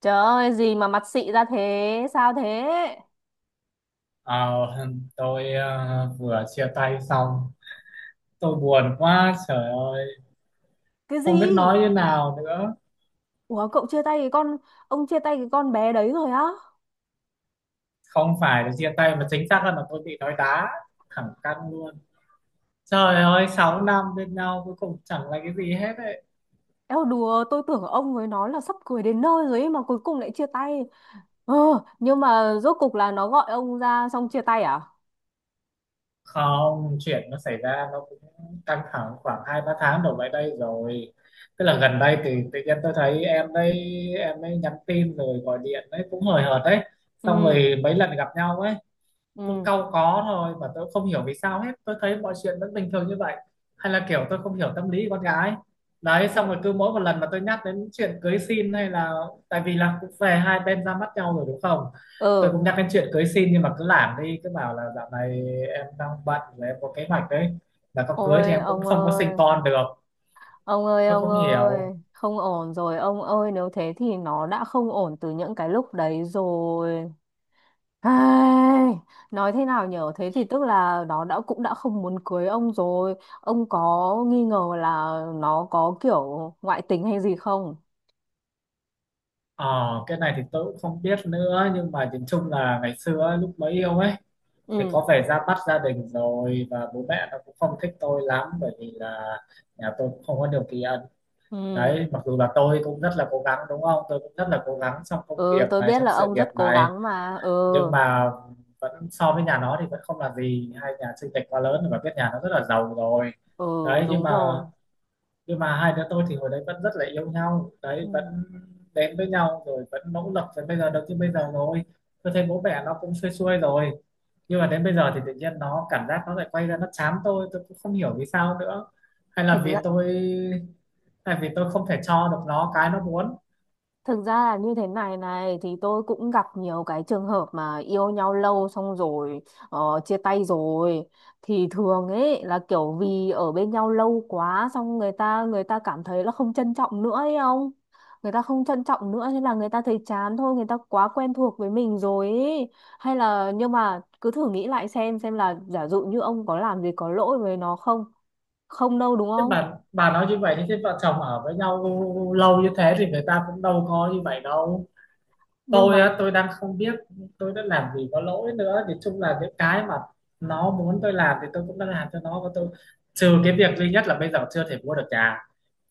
Trời ơi, gì mà mặt xị ra thế? Sao thế? Ờ, tôi vừa chia tay xong. Tôi buồn quá, trời ơi, Cái không biết gì? nói như nào nữa. Ủa, cậu chia tay cái con, ông chia tay cái con bé đấy rồi á? Không phải là chia tay mà chính xác hơn là tôi bị nói đá thẳng căng luôn. Trời ơi, 6 năm bên nhau cuối cùng chẳng là cái gì hết đấy. Eo đùa, tôi tưởng ông với nó là sắp cưới đến nơi rồi ấy mà cuối cùng lại chia tay. Ờ, nhưng mà rốt cục là nó gọi ông ra xong chia tay à? Không, chuyện nó xảy ra nó cũng căng thẳng khoảng 2-3 tháng đổ lại đây rồi. Tức là gần đây thì tự nhiên tôi thấy em đấy, em ấy nhắn tin rồi gọi điện đấy cũng hời hợt đấy. Ừ, Xong rồi mấy lần gặp nhau ấy tôi ừ. cau có thôi, và tôi không hiểu vì sao, hết tôi thấy mọi chuyện vẫn bình thường như vậy. Hay là kiểu tôi không hiểu tâm lý của con gái đấy. Xong Ồ- rồi cứ mỗi một lần mà tôi nhắc đến chuyện cưới xin hay là, tại vì là cũng về hai bên ra mắt nhau rồi đúng không, tôi Ừ. cũng nhắc đến chuyện cưới xin, nhưng mà cứ làm đi cứ bảo là dạo này em đang bận và em có kế hoạch đấy, là có cưới thì Ôi, em cũng ông không có ơi, sinh con được. ông ơi, Tôi ông không hiểu. ơi, không ổn rồi, ông ơi, nếu thế thì nó đã không ổn từ những cái lúc đấy rồi. Ai, nói thế nào nhở? Thế thì tức là nó đã cũng đã không muốn cưới ông rồi. Ông có nghi ngờ là nó có kiểu ngoại tình hay gì không? Ờ cái này thì tôi cũng không biết nữa, nhưng mà nhìn chung là ngày xưa ấy, lúc mới yêu ấy, thì Ừ, có vẻ ra mắt gia đình rồi, và bố mẹ nó cũng không thích tôi lắm bởi vì là nhà tôi cũng không có điều kiện ừ, đấy. Mặc dù là tôi cũng rất là cố gắng, đúng không, tôi cũng rất là cố gắng trong công ừ, việc tôi này, biết trong là sự ông nghiệp rất cố này, gắng mà. Ừ, nhưng mà vẫn so với nhà nó thì vẫn không là gì. Hai nhà chênh lệch quá lớn và biết nhà nó rất là giàu rồi ừ, đấy, nhưng đúng mà rồi, nhưng mà hai đứa tôi thì hồi đấy vẫn rất là yêu nhau ừ. đấy, vẫn đến với nhau rồi vẫn nỗ lực đến bây giờ được như bây giờ rồi. Tôi thấy bố mẹ nó cũng xuôi xuôi rồi, nhưng mà đến bây giờ thì tự nhiên nó cảm giác nó lại quay ra nó chán tôi cũng không hiểu vì sao nữa, hay là thực vì ra tôi hay vì tôi không thể cho được nó cái nó muốn. Thực ra là như thế này này, thì tôi cũng gặp nhiều cái trường hợp mà yêu nhau lâu xong rồi, ờ, chia tay rồi, thì thường ấy là kiểu vì ở bên nhau lâu quá xong người ta cảm thấy là không trân trọng nữa ấy, không, người ta không trân trọng nữa nên là người ta thấy chán thôi, người ta quá quen thuộc với mình rồi ấy. Hay là nhưng mà cứ thử nghĩ lại xem là giả dụ như ông có làm gì có lỗi với nó không? Không đâu đúng Thế không? bà nói như vậy thì thế vợ chồng ở với nhau lâu như thế thì người ta cũng đâu có như vậy đâu. Nhưng mà, Tôi á, tôi đang không biết tôi đã làm gì có lỗi nữa, thì chung là những cái mà nó muốn tôi làm thì tôi cũng đã làm cho nó, và tôi trừ cái việc duy nhất là bây giờ chưa thể mua được nhà,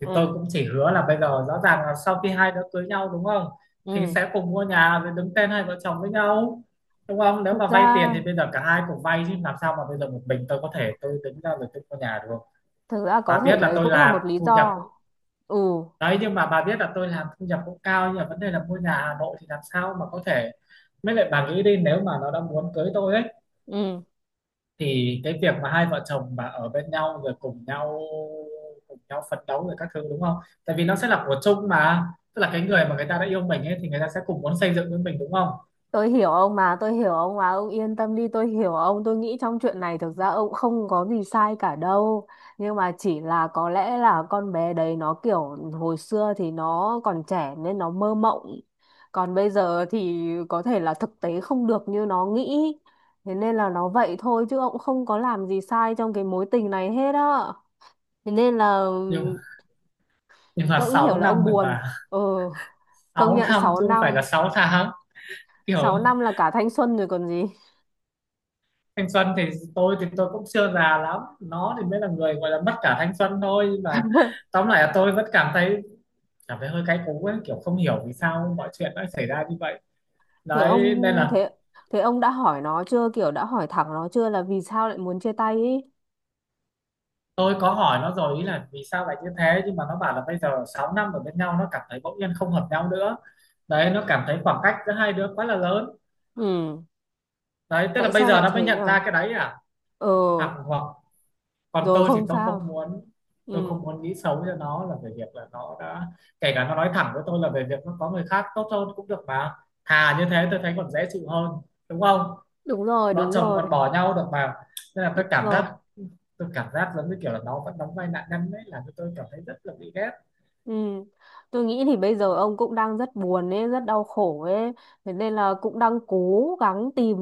thì tôi ừ, cũng chỉ hứa là bây giờ rõ ràng là sau khi hai đứa cưới nhau, đúng không, thì ừ, sẽ cùng mua nhà rồi đứng tên hai vợ chồng với nhau, đúng không? Nếu thực mà vay tiền ra thì bây giờ cả hai cùng vay, chứ làm sao mà bây giờ một mình tôi có thể, tôi đứng ra rồi tôi mua nhà được không? thực ra Bà có thể biết là đấy tôi cũng là làm một lý thu nhập do. Ừ, đấy, nhưng mà bà biết là tôi làm thu nhập cũng cao, nhưng mà vấn đề là mua nhà Hà Nội thì làm sao mà có thể. Mới lại bà nghĩ đi, nếu mà nó đã muốn cưới tôi ấy, ừ, thì cái việc mà hai vợ chồng mà ở bên nhau rồi cùng nhau phấn đấu rồi các thứ, đúng không? Tại vì nó sẽ là của chung mà, tức là cái người mà người ta đã yêu mình ấy thì người ta sẽ cùng muốn xây dựng với mình, đúng không? tôi hiểu ông mà, tôi hiểu ông mà, ông yên tâm đi, tôi hiểu ông. Tôi nghĩ trong chuyện này thực ra ông không có gì sai cả đâu. Nhưng mà chỉ là có lẽ là con bé đấy nó kiểu hồi xưa thì nó còn trẻ nên nó mơ mộng. Còn bây giờ thì có thể là thực tế không được như nó nghĩ. Thế nên là nó vậy thôi chứ ông không có làm gì sai trong cái mối tình này hết á. Thế nên là Nhưng nhưng mà tôi cũng hiểu 6 là ông năm rồi buồn, bà, ừ, công 6 nhận năm sáu chứ không phải là năm 6 tháng, hiểu Sáu không? năm là cả thanh xuân rồi còn gì. Thanh xuân thì tôi cũng chưa già lắm, nó thì mới là người gọi là mất cả thanh xuân thôi. Nhưng mà tóm lại là tôi vẫn cảm thấy hơi cay cú ấy, kiểu không hiểu vì sao mọi chuyện lại xảy ra như vậy thế ông đấy, nên là thế Thế ông đã hỏi nó chưa, kiểu đã hỏi thẳng nó chưa là vì sao lại muốn chia tay ý? tôi có hỏi nó rồi, ý là vì sao lại như thế, nhưng mà nó bảo là bây giờ 6 năm ở bên nhau nó cảm thấy bỗng nhiên không hợp nhau nữa đấy, nó cảm thấy khoảng cách giữa hai đứa quá là lớn Ừ, đấy. Tức là tại bây sao giờ lại nó mới thế nhận nhở? ra cái đấy à? Ừ, Hoặc hoặc còn rồi tôi thì không tôi sao. không muốn, Ừ, nghĩ xấu cho nó, là về việc là nó đã, kể cả nó nói thẳng với tôi là về việc nó có người khác tốt hơn cũng được mà, thà như thế tôi thấy còn dễ chịu hơn, đúng không? đúng rồi, Vợ đúng chồng rồi, còn bỏ nhau được mà. Nên là đúng rồi. Tôi cảm giác giống như kiểu là nó vẫn đóng vai nạn nhân đấy, là tôi cảm thấy rất là bị ghét. Ừ. Tôi nghĩ thì bây giờ ông cũng đang rất buồn ấy, rất đau khổ ấy, thế nên là cũng đang cố gắng tìm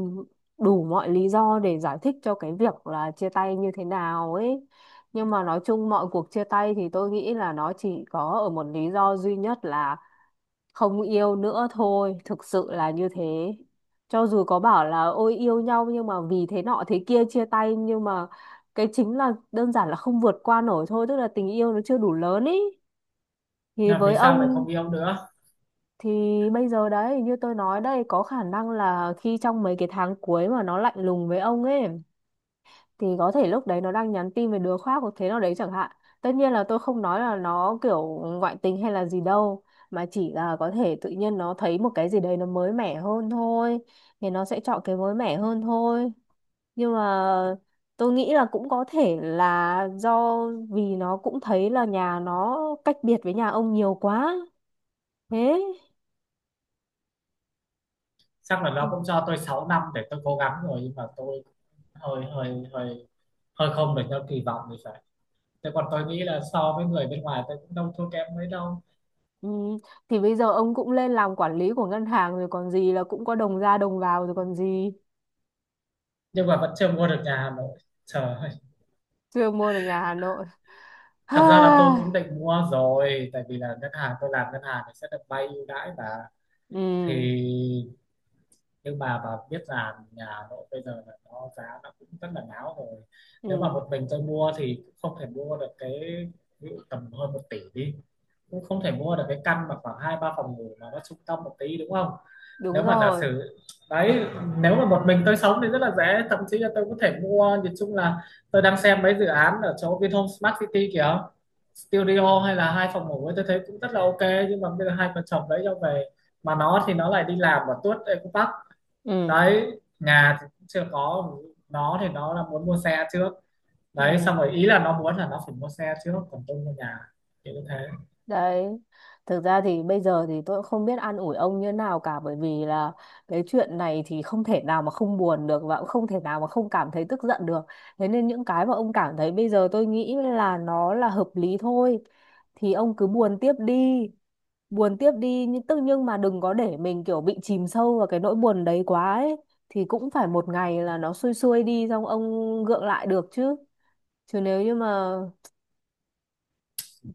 đủ mọi lý do để giải thích cho cái việc là chia tay như thế nào ấy. Nhưng mà nói chung mọi cuộc chia tay thì tôi nghĩ là nó chỉ có ở một lý do duy nhất là không yêu nữa thôi, thực sự là như thế. Cho dù có bảo là ôi yêu nhau nhưng mà vì thế nọ thế kia chia tay, nhưng mà cái chính là đơn giản là không vượt qua nổi thôi, tức là tình yêu nó chưa đủ lớn ý. Thì Nhưng mà vì với sao lại ông không yêu nữa? thì bây giờ đấy, như tôi nói đây, có khả năng là khi trong mấy cái tháng cuối mà nó lạnh lùng với ông ấy thì có thể lúc đấy nó đang nhắn tin về đứa khác hoặc thế nào đấy chẳng hạn. Tất nhiên là tôi không nói là nó kiểu ngoại tình hay là gì đâu, mà chỉ là có thể tự nhiên nó thấy một cái gì đấy nó mới mẻ hơn thôi, thì nó sẽ chọn cái mới mẻ hơn thôi. Nhưng mà tôi nghĩ là cũng có thể là do vì nó cũng thấy là nhà nó cách biệt với nhà ông nhiều quá. Thế. Chắc là nó Ừ. cũng cho tôi 6 năm để tôi cố gắng rồi, nhưng mà tôi hơi hơi hơi hơi không được theo kỳ vọng thì phải. Thế còn tôi nghĩ là so với người bên ngoài tôi cũng đâu thua kém mấy đâu, Ừ. Thì bây giờ ông cũng lên làm quản lý của ngân hàng rồi còn gì, là cũng có đồng ra đồng vào rồi còn gì. nhưng mà vẫn chưa mua được nhà Hà Nội. Trời ơi. Chưa mua được nhà Hà Nội. Thật ra là tôi cũng định mua rồi, tại vì là ngân hàng, tôi làm ngân hàng thì sẽ được vay ưu đãi, và thì Ừ, nhưng mà bà biết là nhà Hà Nội bây giờ là nó giá nó cũng rất là ngáo rồi. Nếu mà ừ, một mình tôi mua thì cũng không thể mua được cái, ví dụ tầm hơn 1 tỷ đi, cũng không thể mua được cái căn mà khoảng hai ba phòng ngủ mà nó trung tâm một tí, đúng không? Nếu đúng mà giả rồi, sử, đấy, nếu mà một mình tôi sống thì rất là dễ, thậm chí là tôi có thể mua, nhìn chung là tôi đang xem mấy dự án ở chỗ Vinhome Smart City kìa, studio hay là hai phòng ngủ ấy, tôi thấy cũng rất là ok. Nhưng mà bây giờ hai vợ chồng đấy cho về, mà nó thì nó lại đi làm và tuốt Eco Park ừ, đấy, nhà thì cũng chưa có, nó thì nó là muốn mua xe trước đấy, xong ừ. rồi ý là nó muốn là nó phải mua xe trước, còn tôi mua nhà, thì như thế. Đấy, thực ra thì bây giờ thì tôi cũng không biết an ủi ông như nào cả, bởi vì là cái chuyện này thì không thể nào mà không buồn được, và cũng không thể nào mà không cảm thấy tức giận được. Thế nên những cái mà ông cảm thấy bây giờ tôi nghĩ là nó là hợp lý thôi, thì ông cứ buồn tiếp đi. Buồn tiếp đi nhưng tức nhưng mà đừng có để mình kiểu bị chìm sâu vào cái nỗi buồn đấy quá ấy, thì cũng phải một ngày là nó xuôi xuôi đi xong ông gượng lại được chứ. Chứ nếu như mà,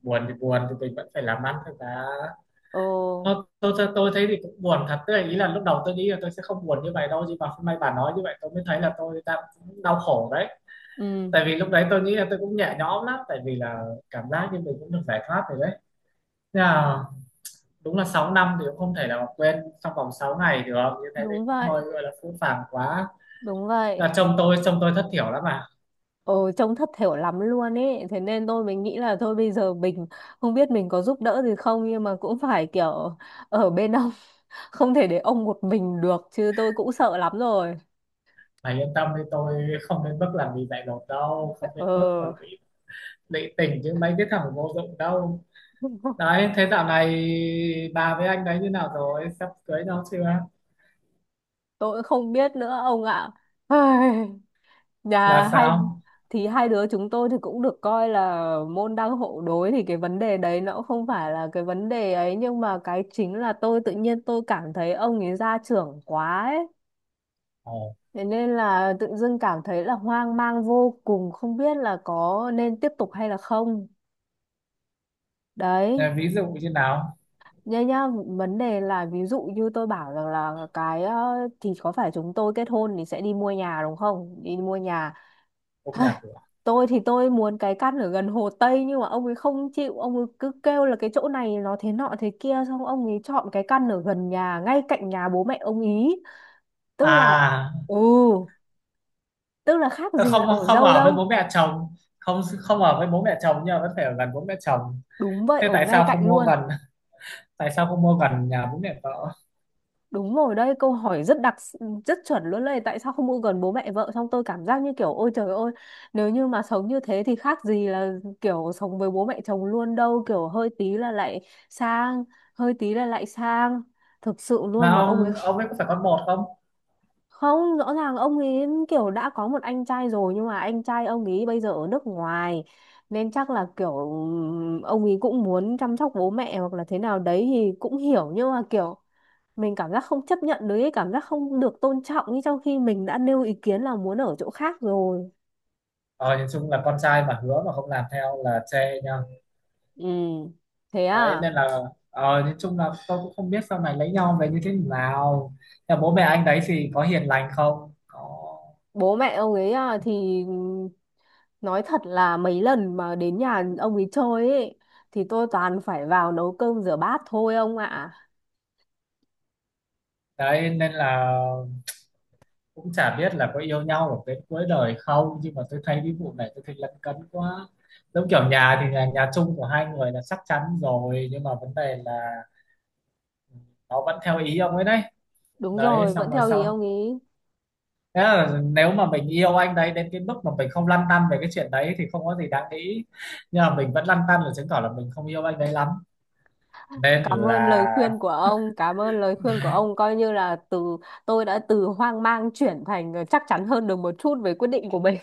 Buồn thì buồn, thì mình vẫn phải làm ăn thôi, cả. ồ, Thôi, tôi thấy thì cũng buồn thật, tức là ý là lúc đầu tôi nghĩ là tôi sẽ không buồn như vậy đâu, nhưng mà hôm nay bà nói như vậy tôi mới thấy là tôi đang cũng đau khổ đấy. ừ, Tại vì lúc đấy tôi nghĩ là tôi cũng nhẹ nhõm lắm, tại vì là cảm giác như mình cũng được giải thoát rồi đấy. Thế là đúng là 6 năm thì cũng không thể nào mà quên trong vòng 6 ngày được, như thế thì đúng cũng vậy. hơi gọi là phũ phàng quá. Đúng vậy. Là chồng tôi thất thiểu lắm mà. Ừ, trông thất thểu lắm luôn ấy. Thế nên tôi mình nghĩ là thôi bây giờ mình không biết mình có giúp đỡ gì không nhưng mà cũng phải kiểu ở bên ông. Không thể để ông một mình được chứ, tôi cũng sợ lắm rồi. Mày yên tâm đi, tôi không đến mức làm gì dại dột đâu, không đến mức mà Ừ. lụy lụy tình chứ mấy cái thằng vô dụng đâu. Đấy, thế dạo này bà với anh đấy như nào rồi, sắp cưới nhau chưa? Tôi cũng không biết nữa ông ạ. Ai, Là Nhà hai sao? thì hai đứa chúng tôi thì cũng được coi là môn đăng hộ đối, thì cái vấn đề đấy nó cũng không phải là cái vấn đề ấy, nhưng mà cái chính là tôi tự nhiên tôi cảm thấy ông ấy gia trưởng quá ấy. Ồ. Thế nên là tự dưng cảm thấy là hoang mang vô cùng, không biết là có nên tiếp tục hay là không. À, Đấy, ví dụ như nào? nhá nhá, vấn đề là ví dụ như tôi bảo rằng là thì có phải chúng tôi kết hôn thì sẽ đi mua nhà đúng không? Đi mua nhà. Cũng nhà cửa Tôi thì tôi muốn cái căn ở gần Hồ Tây nhưng mà ông ấy không chịu, ông ấy cứ kêu là cái chỗ này nó thế nọ thế kia xong ông ấy chọn cái căn ở gần nhà, ngay cạnh nhà bố mẹ ông ý. Tức là à? ừ, tức là khác Tôi gì là không ở không dâu ở với đâu. bố mẹ chồng, không không ở với bố mẹ chồng, nhưng mà vẫn phải ở gần bố mẹ chồng. Đúng vậy, Thế ở ngay cạnh luôn. Tại sao không mua gần nhà bố mẹ vợ? Đúng rồi đấy, câu hỏi rất chuẩn luôn đấy, tại sao không ở gần bố mẹ vợ, xong tôi cảm giác như kiểu ôi trời ơi, nếu như mà sống như thế thì khác gì là kiểu sống với bố mẹ chồng luôn đâu, kiểu hơi tí là lại sang, hơi tí là lại sang. Thực sự luôn Mà mà ông ấy ông kh- ông ấy có phải con một không? không, rõ ràng ông ấy kiểu đã có một anh trai rồi nhưng mà anh trai ông ấy bây giờ ở nước ngoài, nên chắc là kiểu ông ấy cũng muốn chăm sóc bố mẹ hoặc là thế nào đấy thì cũng hiểu, nhưng mà kiểu mình cảm giác không chấp nhận được cái cảm giác không được tôn trọng như trong khi mình đã nêu ý kiến là muốn ở chỗ khác rồi. Ờ nhìn chung là con trai mà hứa mà không làm theo là chê nha. Ừ, thế Đấy à? nên là, nhìn chung là tôi cũng không biết sau này lấy nhau về như thế nào. Nhà bố mẹ anh đấy thì có hiền lành không? Có Bố mẹ ông ấy à, thì nói thật là mấy lần mà đến nhà ông ấy chơi ấy thì tôi toàn phải vào nấu cơm rửa bát thôi ông ạ. đấy, nên là cũng chả biết là có yêu nhau ở đến cuối đời không, nhưng mà tôi thấy cái vụ này tôi thấy lấn cấn quá. Giống kiểu nhà thì nhà, nhà chung của hai người là chắc chắn rồi, nhưng mà vấn đề là nó vẫn theo ý ông ấy đấy, Đúng đấy rồi xong vẫn rồi theo ý sau. ông ấy. Thế là nếu mà mình yêu anh đấy đến cái mức mà mình không lăn tăn về cái chuyện đấy thì không có gì đáng nghĩ, nhưng mà mình vẫn lăn tăn là chứng tỏ là mình không yêu anh đấy lắm, nên là. Cảm ơn lời khuyên của ông, coi như là tôi đã từ hoang mang chuyển thành chắc chắn hơn được một chút về quyết định của mình.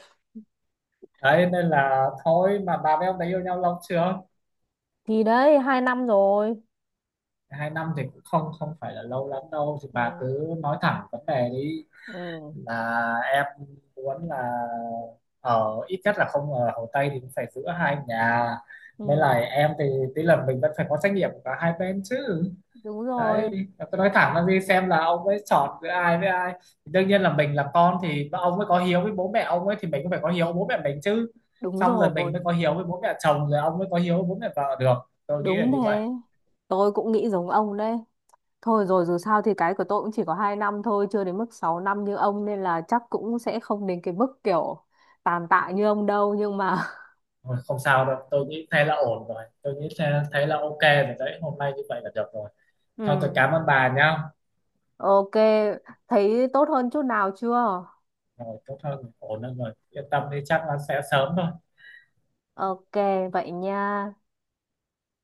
Đấy nên là, thôi mà bà với ông đấy yêu nhau lâu chưa? Thì đấy, 2 năm rồi. 2 năm thì cũng không không phải là lâu lắm đâu, thì bà Ừ. cứ nói thẳng vấn đề đi, Ừ, là em muốn là ở ít nhất là không ở Hồ Tây thì cũng phải giữa hai nhà, nên là ừ, em thì tí là mình vẫn phải có trách nhiệm của cả hai bên chứ, đúng đấy. rồi, Tôi nói thẳng là gì, xem là ông ấy chọn giữa ai với ai, thì đương nhiên là mình là con thì ông mới có hiếu với bố mẹ ông ấy, thì mình cũng phải có hiếu với bố mẹ mình chứ, đúng xong rồi rồi, mình mới có hiếu với bố mẹ chồng rồi ông mới có hiếu với bố mẹ vợ được. Tôi nghĩ là đúng như vậy. thế. Tôi cũng nghĩ giống ông đấy. Thôi rồi dù sao thì cái của tôi cũng chỉ có 2 năm thôi, chưa đến mức 6 năm như ông nên là chắc cũng sẽ không đến cái mức kiểu tàn tạ như ông đâu, nhưng mà Thôi, không sao đâu, tôi nghĩ thế là ổn rồi, tôi nghĩ thế, thế là ok rồi đấy, hôm nay như vậy là được rồi, thôi tôi ừ, cảm ơn bà nhá. ok, thấy tốt hơn chút nào chưa? Rồi, tốt hơn, ổn hơn rồi, yên tâm đi, chắc là sẽ sớm thôi. Ok, vậy nha.